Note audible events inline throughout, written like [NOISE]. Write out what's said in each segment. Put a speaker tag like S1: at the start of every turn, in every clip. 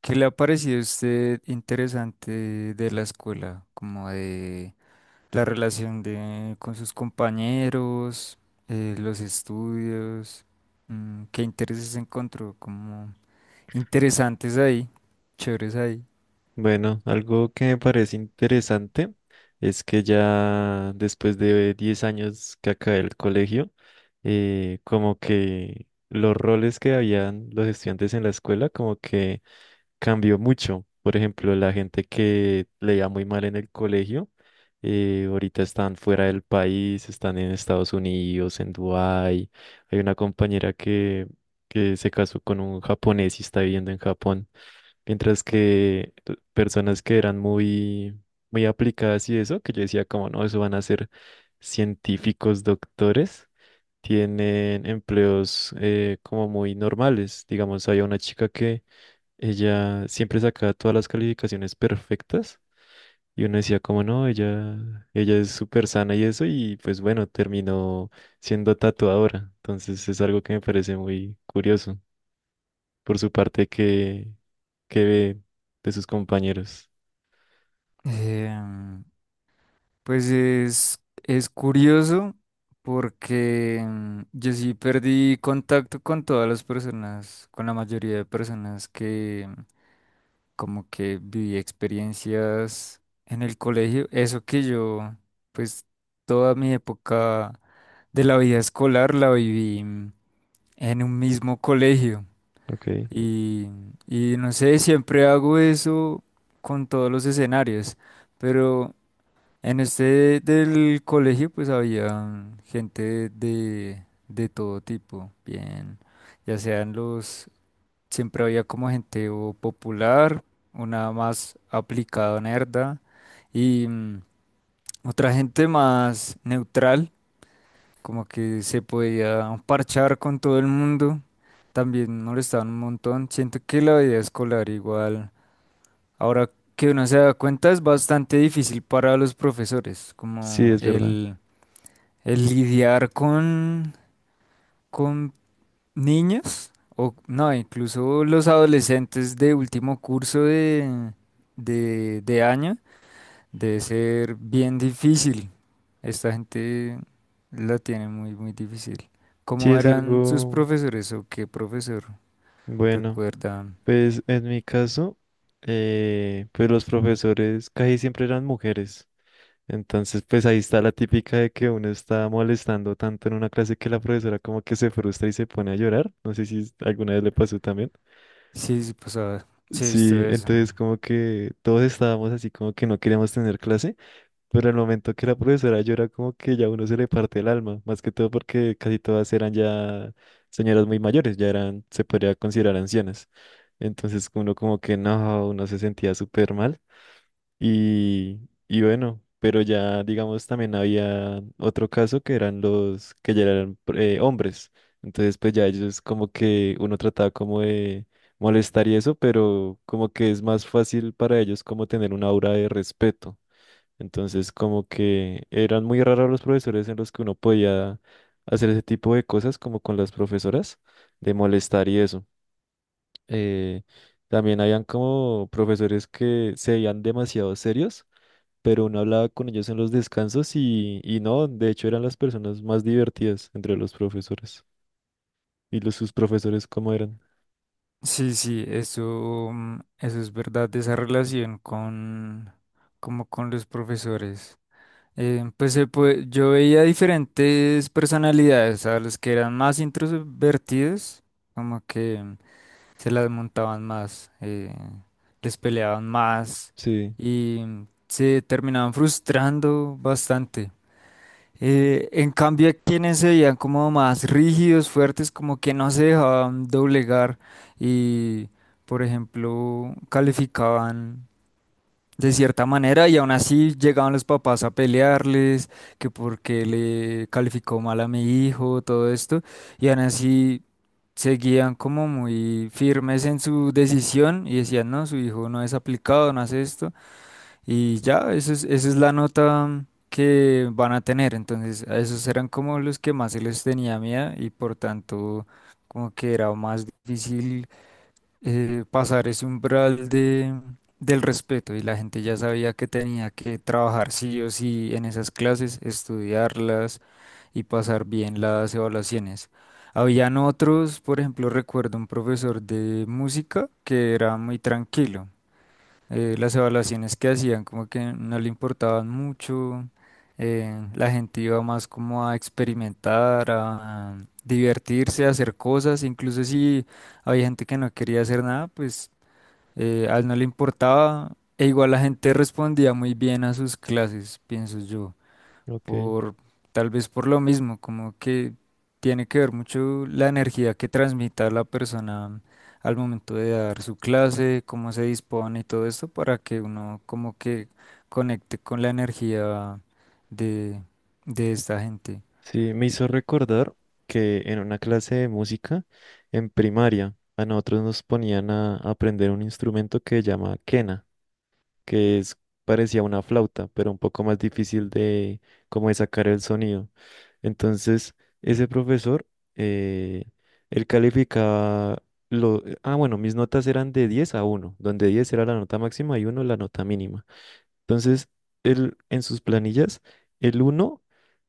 S1: ¿Qué le ha parecido a usted interesante de la escuela? Como de la relación con sus compañeros, los estudios, qué intereses encontró como interesantes ahí, chéveres ahí.
S2: Bueno, algo que me parece interesante es que ya después de 10 años que acabé el colegio, como que los roles que habían los estudiantes en la escuela como que cambió mucho. Por ejemplo, la gente que leía muy mal en el colegio, ahorita están fuera del país, están en Estados Unidos, en Dubái. Hay una compañera que se casó con un japonés y está viviendo en Japón. Mientras que personas que eran muy, muy aplicadas y eso, que yo decía como, no, eso van a ser científicos, doctores, tienen empleos como muy normales. Digamos, había una chica que ella siempre sacaba todas las calificaciones perfectas y uno decía como, no, ella es súper sana y eso, y pues bueno, terminó siendo tatuadora. Entonces es algo que me parece muy curioso por su parte que ve de sus compañeros.
S1: Em, pues es curioso porque yo sí perdí contacto con todas las personas, con la mayoría de personas como que viví experiencias en el colegio, eso que yo, pues toda mi época de la vida escolar la viví en un mismo colegio
S2: Ok,
S1: y, y no sé, siempre hago eso con todos los escenarios, pero en este del colegio pues había gente de todo tipo, bien, ya sean los... Siempre había como gente o popular, una más aplicada, nerda, y otra gente más neutral, como que se podía parchar con todo el mundo. También molestaban un montón. Siento que la vida escolar igual, ahora que uno se da cuenta, es bastante difícil para los profesores,
S2: sí,
S1: como
S2: es verdad.
S1: el lidiar con niños o no, incluso los adolescentes de último curso de año, debe ser bien difícil. Esta gente la tiene muy, muy difícil.
S2: Sí,
S1: ¿Cómo
S2: es
S1: eran sus
S2: algo
S1: profesores o qué profesor
S2: bueno.
S1: recuerda?
S2: Pues en mi caso, pues los profesores casi siempre eran mujeres. Entonces, pues ahí está la típica de que uno está molestando tanto en una clase que la profesora como que se frustra y se pone a llorar. No sé si alguna vez le pasó también.
S1: Sí, sí, pues, ah, sí, esto
S2: Sí,
S1: es.
S2: entonces como que todos estábamos así como que no queríamos tener clase. Pero el momento que la profesora llora, como que ya uno se le parte el alma, más que todo porque casi todas eran ya señoras muy mayores, ya eran, se podría considerar ancianas. Entonces uno como que no, uno se sentía súper mal. Y, y bueno, pero ya digamos también había otro caso que eran los que ya eran hombres. Entonces pues ya ellos como que uno trataba como de molestar y eso, pero como que es más fácil para ellos como tener una aura de respeto. Entonces, como que eran muy raros los profesores en los que uno podía hacer ese tipo de cosas, como con las profesoras, de molestar y eso. Eh, también habían como profesores que se veían demasiado serios, pero uno hablaba con ellos en los descansos y no, de hecho eran las personas más divertidas entre los profesores. ¿Y los sus profesores cómo eran?
S1: Sí, sí, eso, eso es verdad, esa relación como con los profesores. Pues, yo veía diferentes personalidades, a los que eran más introvertidos, como que se las montaban más, les peleaban más
S2: Sí,
S1: y se terminaban frustrando bastante. En cambio, a quienes se veían como más rígidos, fuertes, como que no se dejaban doblegar y, por ejemplo, calificaban de cierta manera y aún así llegaban los papás a pelearles, que porque le calificó mal a mi hijo, todo esto, y aún así seguían como muy firmes en su decisión y decían, no, su hijo no es aplicado, no hace esto, y ya, eso esa es la nota que van a tener, entonces a esos eran como los que más se les tenía miedo y por tanto como que era más difícil pasar ese umbral de, del respeto y la gente ya sabía que tenía que trabajar sí o sí en esas clases, estudiarlas y pasar bien las evaluaciones. Habían otros, por ejemplo, recuerdo un profesor de música que era muy tranquilo, las evaluaciones que hacían como que no le importaban mucho, la gente iba más como a experimentar, a divertirse, a hacer cosas, incluso si había gente que no quería hacer nada, pues a él no le importaba, e igual la gente respondía muy bien a sus clases, pienso yo
S2: ok.
S1: por tal vez por lo mismo, como que tiene que ver mucho la energía que transmita la persona al momento de dar su clase, cómo se dispone y todo esto para que uno como que conecte con la energía de, de esta gente.
S2: Sí, me hizo recordar que en una clase de música en primaria a nosotros nos ponían a aprender un instrumento que se llama quena, que es parecía una flauta, pero un poco más difícil de como de sacar el sonido. Entonces, ese profesor, eh, él calificaba bueno, mis notas eran de 10 a uno donde 10 era la nota máxima y uno la nota mínima. Entonces, él en sus planillas, el uno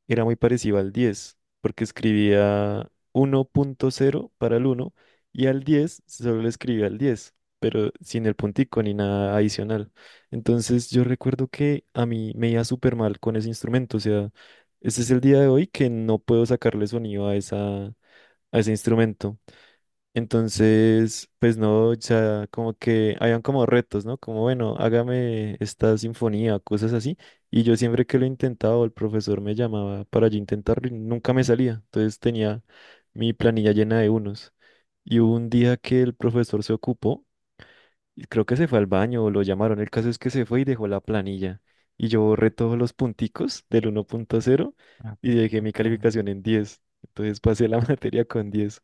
S2: era muy parecido al 10 porque escribía 1.0 para el uno y al 10 solo le escribía el 10 pero sin el puntico ni nada adicional. Entonces yo recuerdo que a mí me iba súper mal con ese instrumento, o sea, este es el día de hoy que no puedo sacarle sonido a a ese instrumento. Entonces, pues no, o sea, como que habían como retos, ¿no? Como, bueno, hágame esta sinfonía, cosas así. Y yo siempre que lo intentaba, o el profesor me llamaba para yo intentarlo y nunca me salía. Entonces tenía mi planilla llena de unos. Y hubo un día que el profesor se ocupó, y creo que se fue al baño o lo llamaron. El caso es que se fue y dejó la planilla. Y yo borré todos los punticos del 1.0
S1: Ah,
S2: y dejé mi
S1: ok.
S2: calificación en diez. Entonces pasé la [LAUGHS] materia con diez.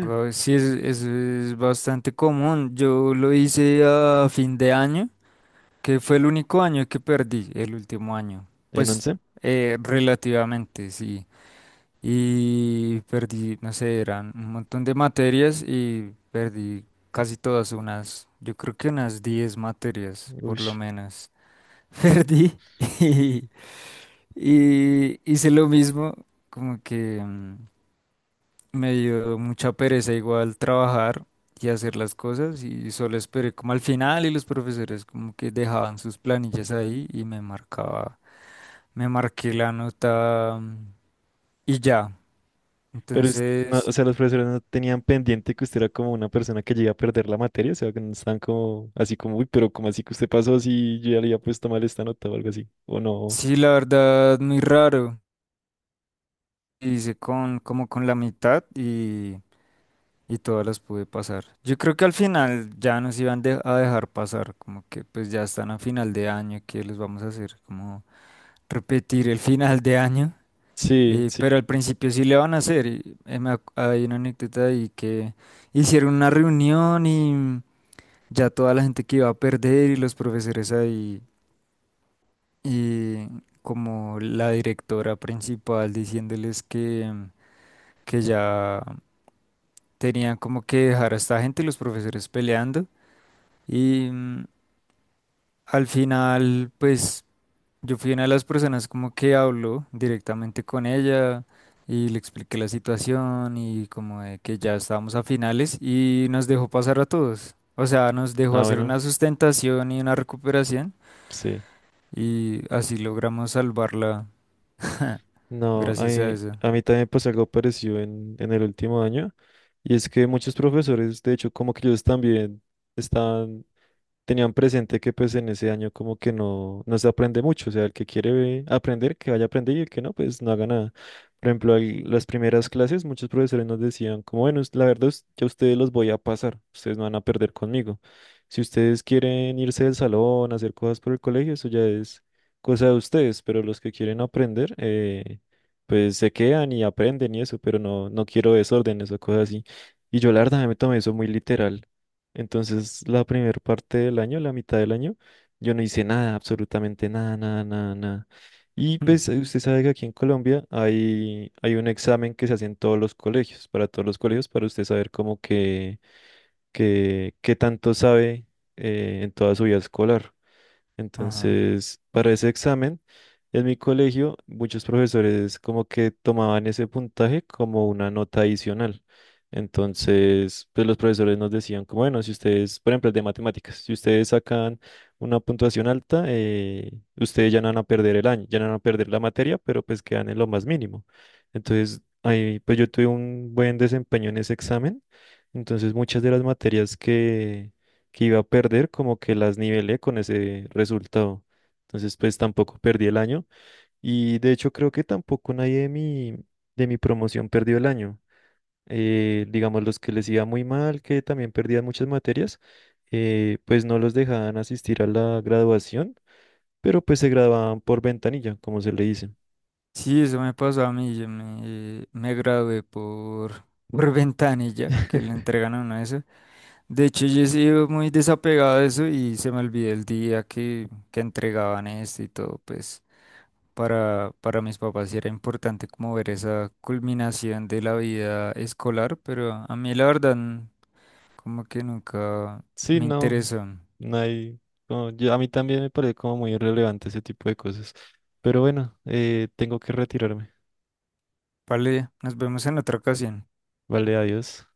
S1: Guau, sí, es bastante común. Yo lo hice a fin de año, que fue el único año que perdí, el último año.
S2: En
S1: Pues
S2: 11.
S1: relativamente, sí. Y perdí, no sé, eran un montón de materias y perdí casi todas, unas, yo creo que unas 10 materias,
S2: Uy.
S1: por lo menos. [LAUGHS] Perdí y, y hice lo mismo, como que me dio mucha pereza igual trabajar y hacer las cosas y solo esperé como al final y los profesores como que dejaban sus planillas ahí y me marcaba, me marqué la nota, y ya.
S2: Pero, no, o
S1: Entonces...
S2: sea, los profesores no tenían pendiente que usted era como una persona que llega a perder la materia, o sea, que no están como así como, uy, pero como así que usted pasó si yo ya le había puesto mal esta nota o algo así, o no.
S1: Sí, la verdad, muy raro. Hice con, como con la mitad y todas las pude pasar. Yo creo que al final ya nos iban a dejar pasar, como que pues ya están a final de año, ¿qué les vamos a hacer? Como repetir el final de año.
S2: Sí, sí.
S1: Pero al principio sí le van a hacer. Y, hay una anécdota ahí que hicieron una reunión y ya toda la gente que iba a perder y los profesores ahí y como la directora principal diciéndoles que... Que ya tenían como que dejar a esta gente, los profesores peleando. Y al final, pues yo fui una de las personas como que habló directamente con ella y le expliqué la situación y como de que ya estábamos a finales y nos dejó pasar a todos. O sea, nos dejó
S2: Ah,
S1: hacer
S2: bueno,
S1: una sustentación y una recuperación
S2: sí.
S1: y así logramos salvarla [LAUGHS]
S2: No, a
S1: gracias a
S2: mí,
S1: eso.
S2: a mí también me pasó algo parecido en, el último año, y es que muchos profesores, de hecho, como que ellos también están tenían presente que pues en ese año como que no, no se aprende mucho, o sea, el que quiere aprender, que vaya a aprender y el que no, pues no haga nada. Por ejemplo, en las primeras clases muchos profesores nos decían como, bueno, la verdad es que a ustedes los voy a pasar, ustedes no van a perder conmigo. Si ustedes quieren irse del salón, hacer cosas por el colegio, eso ya es cosa de ustedes, pero los que quieren aprender, pues se quedan y aprenden y eso, pero no, no quiero desórdenes o cosas así. Y yo la verdad me tomé eso muy literal. Entonces, la primera parte del año, la mitad del año, yo no hice nada, absolutamente nada, nada, nada, nada. Y pues
S1: [LAUGHS]
S2: usted sabe que aquí en Colombia hay, hay un examen que se hace en todos los colegios, para todos los colegios, para usted saber cómo que, qué tanto sabe en toda su vida escolar.
S1: Ajá.
S2: Entonces, para ese examen, en mi colegio, muchos profesores como que tomaban ese puntaje como una nota adicional. Entonces, pues los profesores nos decían como, bueno, si ustedes, por ejemplo, el de matemáticas, si ustedes sacan una puntuación alta, ustedes ya no van a perder el año, ya no van a perder la materia, pero pues quedan en lo más mínimo. Entonces, ahí, pues yo tuve un buen desempeño en ese examen. Entonces, muchas de las materias que iba a perder, como que las nivelé con ese resultado. Entonces, pues tampoco perdí el año. Y de hecho, creo que tampoco nadie de mi, de mi promoción perdió el año. Digamos, los que les iba muy mal, que también perdían muchas materias, pues no los dejaban asistir a la graduación, pero pues se graduaban por ventanilla, como se le dice.
S1: Sí, eso me pasó a mí. Yo me gradué por, [LAUGHS] por ventanilla, que le entregan a uno eso. De hecho, yo he sido muy desapegado de eso y se me olvidó el día que entregaban esto y todo. Pues para mis papás sí era importante como ver esa culminación de la vida escolar, pero a mí la verdad como que nunca
S2: Sí,
S1: me
S2: no,
S1: interesó.
S2: no hay, no, a mí también me parece como muy irrelevante ese tipo de cosas. Pero bueno, tengo que retirarme.
S1: Vale, nos vemos en otra ocasión.
S2: Vale, adiós.